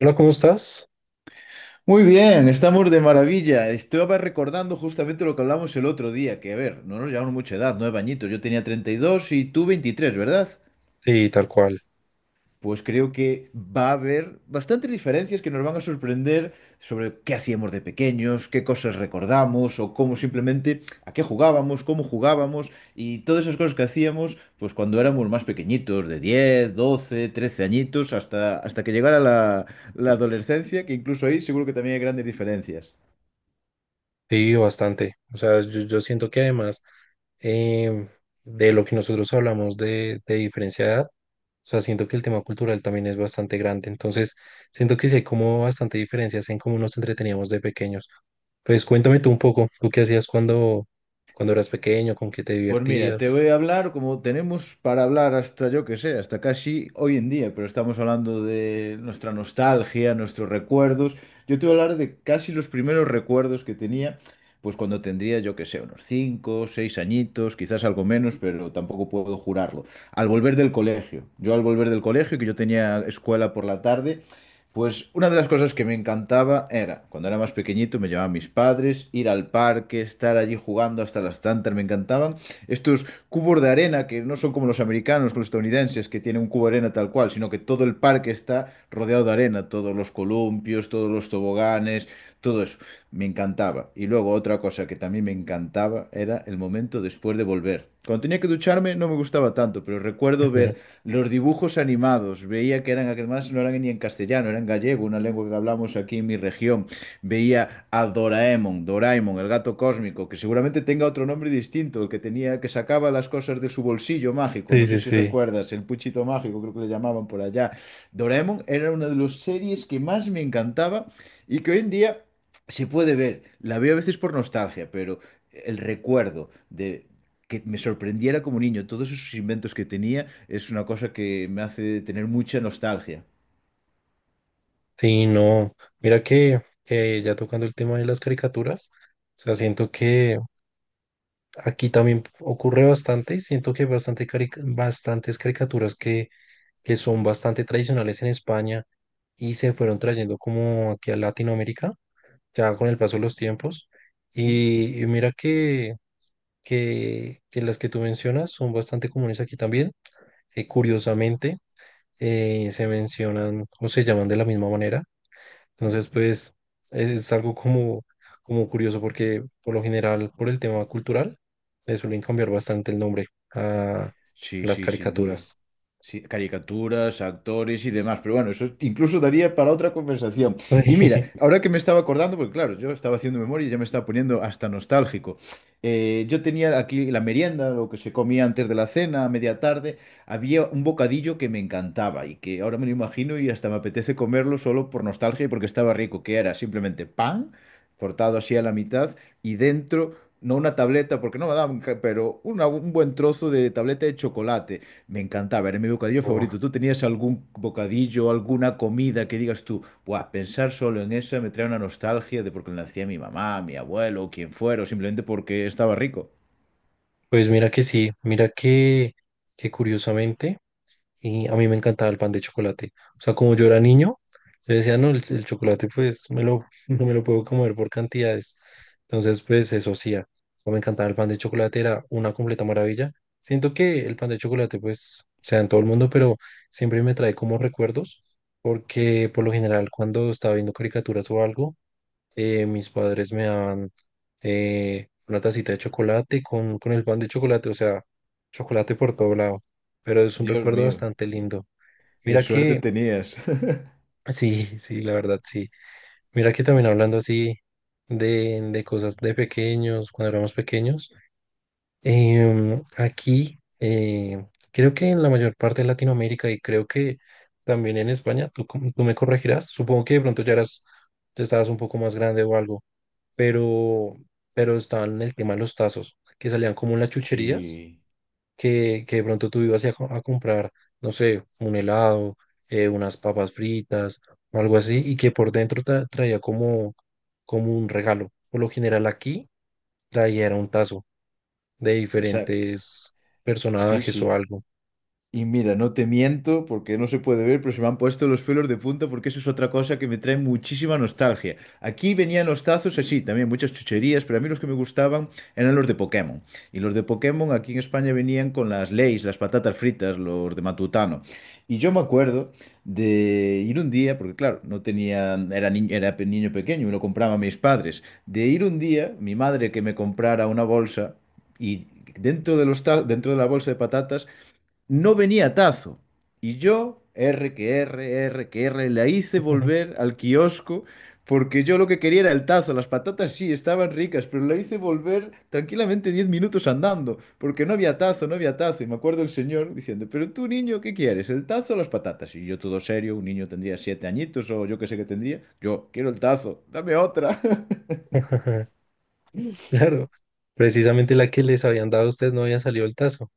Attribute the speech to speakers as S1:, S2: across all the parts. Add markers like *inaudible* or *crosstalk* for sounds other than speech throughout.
S1: Hola, ¿cómo estás?
S2: Muy bien, estamos de maravilla. Estaba recordando justamente lo que hablamos el otro día, que a ver, no nos llevamos mucha edad, 9 añitos. Yo tenía 32 y tú 23, ¿verdad?
S1: Sí, tal cual.
S2: Pues creo que va a haber bastantes diferencias que nos van a sorprender sobre qué hacíamos de pequeños, qué cosas recordamos o cómo simplemente, a qué jugábamos, cómo jugábamos y todas esas cosas que hacíamos pues cuando éramos más pequeñitos, de 10, 12, 13 añitos, hasta que llegara la adolescencia, que incluso ahí seguro que también hay grandes diferencias.
S1: Sí, bastante. O sea, yo siento que además em, de lo que nosotros hablamos de diferencia de edad, o sea, siento que el tema cultural también es bastante grande. Entonces, siento que sí hay como bastante diferencias en cómo nos entreteníamos de pequeños. Pues cuéntame tú un poco, ¿tú qué hacías cuando eras pequeño? ¿Con qué te
S2: Pues mira, te
S1: divertías?
S2: voy a hablar como tenemos para hablar hasta yo que sé, hasta casi hoy en día, pero estamos hablando de nuestra nostalgia, nuestros recuerdos. Yo te voy a hablar de casi los primeros recuerdos que tenía, pues cuando tendría yo que sé, unos 5, 6 añitos, quizás algo menos, pero tampoco puedo jurarlo. Al volver del colegio, yo al volver del colegio, que yo tenía escuela por la tarde, pues una de las cosas que me encantaba era, cuando era más pequeñito, me llevaban mis padres, ir al parque, estar allí jugando hasta las tantas, me encantaban estos cubos de arena que no son como los americanos, los estadounidenses, que tienen un cubo de arena tal cual, sino que todo el parque está rodeado de arena, todos los columpios, todos los toboganes, todo eso. Me encantaba. Y luego otra cosa que también me encantaba era el momento después de volver. Cuando tenía que ducharme no me gustaba tanto, pero recuerdo ver
S1: *laughs*
S2: los dibujos animados. Veía que eran, además no eran ni en castellano, eran gallego, una lengua que hablamos aquí en mi región. Veía a Doraemon, Doraemon, el gato cósmico, que seguramente tenga otro nombre distinto, el que tenía, que sacaba las cosas de su bolsillo mágico.
S1: Sí,
S2: No sé
S1: sí,
S2: si
S1: sí.
S2: recuerdas, el puchito mágico, creo que le llamaban por allá. Doraemon era una de las series que más me encantaba y que hoy en día se puede ver. La veo a veces por nostalgia, pero el recuerdo de que me sorprendiera como niño todos esos inventos que tenía es una cosa que me hace tener mucha nostalgia.
S1: Sí, no. Mira que ya tocando el tema de las caricaturas, o sea, siento que aquí también ocurre bastante, siento que hay bastantes caricaturas que son bastante tradicionales en España y se fueron trayendo como aquí a Latinoamérica, ya con el paso de los tiempos.
S2: ¿Mm?
S1: Y mira que las que tú mencionas son bastante comunes aquí también. Curiosamente, se mencionan o se llaman de la misma manera. Entonces, pues es algo como curioso porque por lo general, por el tema cultural, le suelen cambiar bastante el nombre a
S2: Sí,
S1: las
S2: sí, sin duda.
S1: caricaturas.
S2: Sí, caricaturas, actores y demás. Pero bueno, eso incluso daría para otra conversación. Y mira,
S1: *laughs* Sí.
S2: ahora que me estaba acordando, porque claro, yo estaba haciendo memoria y ya me estaba poniendo hasta nostálgico. Yo tenía aquí la merienda, lo que se comía antes de la cena, a media tarde. Había un bocadillo que me encantaba y que ahora me lo imagino y hasta me apetece comerlo solo por nostalgia y porque estaba rico, que era simplemente pan cortado así a la mitad y dentro... No una tableta, porque no me daban, un buen trozo de tableta de chocolate. Me encantaba, era mi bocadillo
S1: Buah,
S2: favorito. ¿Tú tenías algún bocadillo, alguna comida que digas tú, buah, pensar solo en eso me trae una nostalgia de porque lo hacía mi mamá, mi abuelo, quien fuera, o simplemente porque estaba rico?
S1: pues mira que sí, mira que curiosamente. Y a mí me encantaba el pan de chocolate. O sea, como yo era niño, yo decía, no, el chocolate pues me lo, *laughs* no me lo puedo comer por cantidades. Entonces, pues eso hacía. O me encantaba el pan de chocolate, era una completa maravilla. Siento que el pan de chocolate pues sea en todo el mundo, pero siempre me trae como recuerdos, porque por lo general cuando estaba viendo caricaturas o algo, mis padres me daban una tacita de chocolate con el pan de chocolate, o sea, chocolate por todo lado. Pero es un
S2: Dios
S1: recuerdo
S2: mío,
S1: bastante lindo.
S2: qué
S1: Mira
S2: suerte
S1: que,
S2: tenías. *laughs*
S1: sí, sí, la verdad, sí. Mira que también hablando así de cosas de pequeños, cuando éramos pequeños, aquí, creo que en la mayor parte de Latinoamérica y creo que también en España, tú, tú me corregirás, supongo que de pronto ya eras, ya estabas un poco más grande o algo pero, pero estaban en el tema de los tazos, que salían como en las chucherías,
S2: Sí,
S1: que de pronto tú ibas a, a comprar, no sé, un helado, unas papas fritas o algo así, y que por dentro traía como, como un regalo. Por lo general aquí traía era un tazo de
S2: esa,
S1: diferentes
S2: sí,
S1: personajes o
S2: sí.
S1: algo.
S2: Y mira, no te miento porque no se puede ver, pero se me han puesto los pelos de punta porque eso es otra cosa que me trae muchísima nostalgia. Aquí venían los tazos así, también muchas chucherías, pero a mí los que me gustaban eran los de Pokémon. Y los de Pokémon aquí en España venían con las Lays, las patatas fritas, los de Matutano. Y yo me acuerdo de ir un día, porque claro, no tenía, era niño, niño pequeño, me lo compraban mis padres, de ir un día, mi madre que me comprara una bolsa y dentro de la bolsa de patatas no venía tazo. Y yo, R que R, la hice volver
S1: *laughs*
S2: al kiosco porque yo lo que quería era el tazo. Las patatas sí estaban ricas, pero la hice volver tranquilamente 10 minutos andando porque no había tazo, no había tazo. Y me acuerdo el señor diciendo, pero tú niño, ¿qué quieres? ¿El tazo o las patatas? Y yo todo serio, un niño tendría 7 añitos o yo qué sé qué tendría. Yo, quiero el tazo, dame otra. *laughs*
S1: *laughs* Claro, precisamente la que les habían dado a ustedes no había salido el tazo.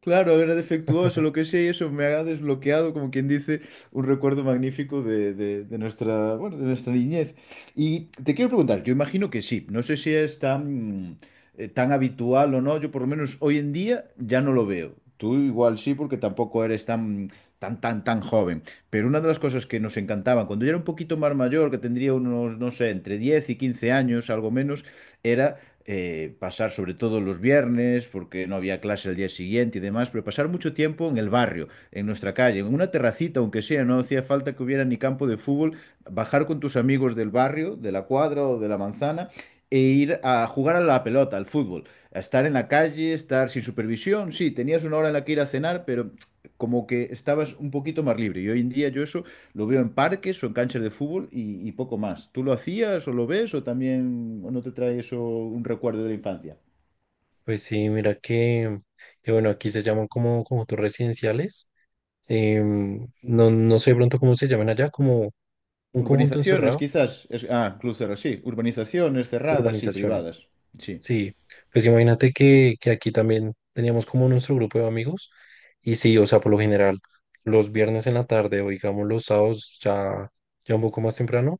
S2: Claro, era defectuoso, lo que sea, y eso me ha desbloqueado, como quien dice, un recuerdo magnífico de nuestra, bueno, de nuestra niñez. Y te quiero preguntar, yo imagino que sí, no sé si es tan habitual o no, yo por lo menos hoy en día ya no lo veo. Tú igual sí, porque tampoco eres tan joven. Pero una de las cosas que nos encantaban, cuando yo era un poquito más mayor, que tendría unos, no sé, entre 10 y 15 años, algo menos, era pasar sobre todo los viernes, porque no había clase al día siguiente y demás, pero pasar mucho tiempo en el barrio, en nuestra calle, en una terracita, aunque sea, no hacía falta que hubiera ni campo de fútbol, bajar con tus amigos del barrio, de la cuadra o de la manzana e ir a jugar a la pelota, al fútbol, a estar en la calle, estar sin supervisión, sí, tenías una hora en la que ir a cenar, pero como que estabas un poquito más libre. Y hoy en día yo eso lo veo en parques o en canchas de fútbol y poco más. ¿Tú lo hacías o lo ves o también o no te trae eso un recuerdo de la infancia?
S1: Pues sí, mira que bueno, aquí se llaman como conjuntos residenciales. No, no sé de pronto cómo se llaman allá, como un conjunto
S2: Urbanizaciones,
S1: encerrado,
S2: quizás. Club cerrado, sí. Urbanizaciones cerradas, y
S1: urbanizaciones.
S2: privadas. Sí,
S1: Sí, pues imagínate que aquí también teníamos como nuestro grupo de amigos y sí, o sea, por lo general, los viernes en la tarde o digamos los sábados ya, ya un poco más temprano,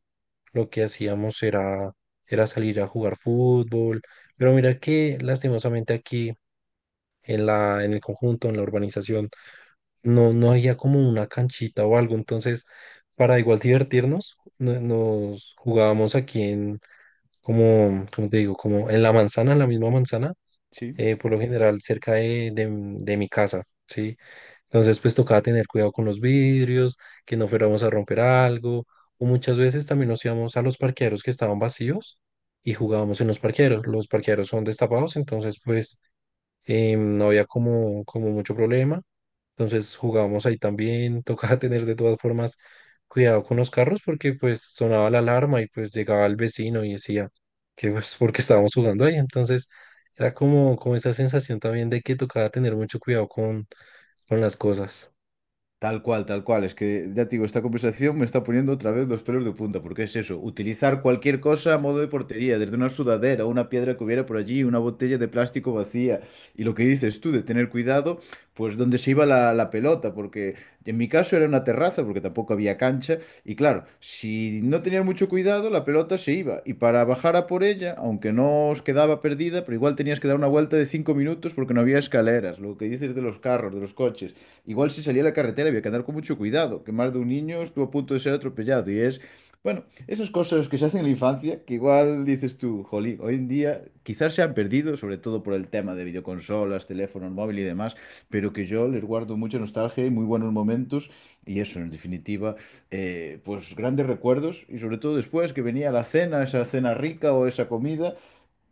S1: lo que hacíamos era, era salir a jugar fútbol, pero mira que lastimosamente aquí en en el conjunto, en la urbanización, no, no había como una canchita o algo, entonces para igual divertirnos, nos jugábamos aquí en, como, como te digo, como en la manzana, en la misma manzana,
S2: sí.
S1: por lo general cerca de, de mi casa, ¿sí? Entonces pues tocaba tener cuidado con los vidrios, que no fuéramos a romper algo, o muchas veces también nos íbamos a los parqueaderos que estaban vacíos y jugábamos en los parqueaderos son destapados, entonces pues no había como, como mucho problema. Entonces jugábamos ahí también, *laughs* tocaba tener de todas formas cuidado con los carros porque pues sonaba la alarma y pues llegaba el vecino y decía que pues porque estábamos jugando ahí. Entonces era como, como esa sensación también de que tocaba tener mucho cuidado con las cosas. *laughs*
S2: Tal cual, tal cual. Es que, ya te digo, esta conversación me está poniendo otra vez los pelos de punta, porque es eso, utilizar cualquier cosa a modo de portería, desde una sudadera, una piedra que hubiera por allí, una botella de plástico vacía. Y lo que dices tú, de tener cuidado, pues donde se iba la pelota, porque en mi caso era una terraza, porque tampoco había cancha. Y claro, si no tenías mucho cuidado, la pelota se iba. Y para bajar a por ella, aunque no os quedaba perdida, pero igual tenías que dar una vuelta de 5 minutos porque no había escaleras, lo que dices de los carros, de los coches. Igual si salía a la carretera había que andar con mucho cuidado, que más de un niño estuvo a punto de ser atropellado. Y es, bueno, esas cosas que se hacen en la infancia, que igual dices tú, jolín, hoy en día quizás se han perdido, sobre todo por el tema de videoconsolas, teléfonos móviles y demás, pero que yo les guardo mucha nostalgia y muy buenos momentos. Y eso, en definitiva, pues grandes recuerdos. Y sobre todo después que venía la cena, esa cena rica o esa comida.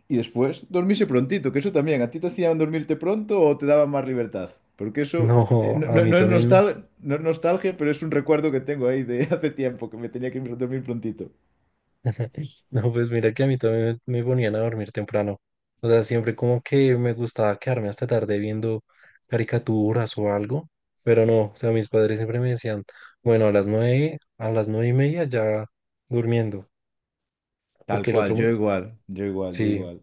S2: Y después, dormirse prontito, que eso también, ¿a ti te hacían dormirte pronto o te daban más libertad? Porque eso
S1: No,
S2: no,
S1: a
S2: no-
S1: mí
S2: no es
S1: también
S2: no es nostalgia, pero es un recuerdo que tengo ahí de *laughs* hace tiempo, que me tenía que ir a dormir prontito.
S1: *laughs* no, pues mira que a mí también me ponían a dormir temprano. O sea, siempre como que me gustaba quedarme hasta tarde viendo caricaturas o algo, pero no, o sea, mis padres siempre me decían, bueno, a las nueve y media ya durmiendo,
S2: Tal
S1: porque el
S2: cual,
S1: otro,
S2: yo igual. Yo igual, yo
S1: sí,
S2: igual.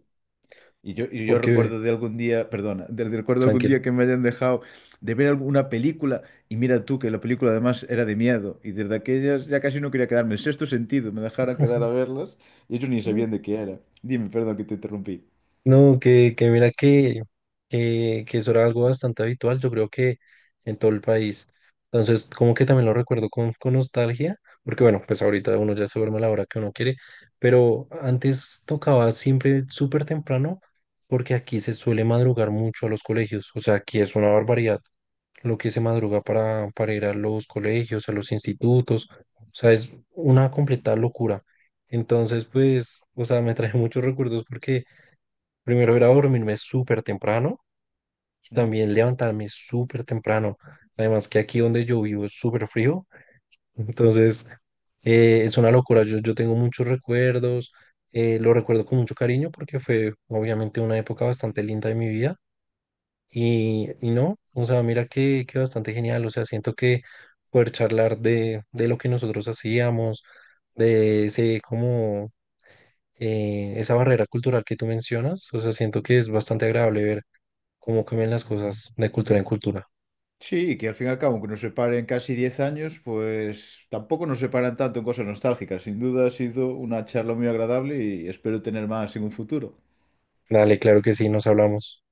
S2: Y yo
S1: porque
S2: recuerdo de algún día, perdona, recuerdo algún
S1: tranquilo.
S2: día que me hayan dejado de ver alguna película, y mira tú que la película además era de miedo, y desde aquellas ya casi no quería quedarme, el sexto sentido, me dejaron quedar a verlas, y ellos ni sabían de qué era. Dime, perdón que te interrumpí.
S1: No, que mira que eso era algo bastante habitual, yo creo que en todo el país. Entonces, como que también lo recuerdo con nostalgia, porque bueno, pues ahorita uno ya se duerme a la hora que uno quiere, pero antes tocaba siempre súper temprano, porque aquí se suele madrugar mucho a los colegios, o sea, aquí es una barbaridad lo que se madruga para ir a los colegios, a los institutos, o sea, es una completa locura. Entonces, pues, o sea, me trae *laughs* muchos recuerdos porque primero era dormirme súper temprano y
S2: Ujú.
S1: también levantarme súper temprano. Además que aquí donde yo vivo es súper frío, entonces es una locura. Yo tengo muchos recuerdos, lo recuerdo con mucho cariño porque fue obviamente una época bastante linda de mi vida y no, o sea, mira que bastante genial. O sea, siento que poder charlar de lo que nosotros hacíamos, de ese como esa barrera cultural que tú mencionas, o sea, siento que es bastante agradable ver cómo cambian las cosas de cultura en cultura.
S2: Sí, y que al fin y al cabo, aunque nos separen casi 10 años, pues tampoco nos separan tanto en cosas nostálgicas. Sin duda ha sido una charla muy agradable y espero tener más en un futuro.
S1: Dale, claro que sí, nos hablamos.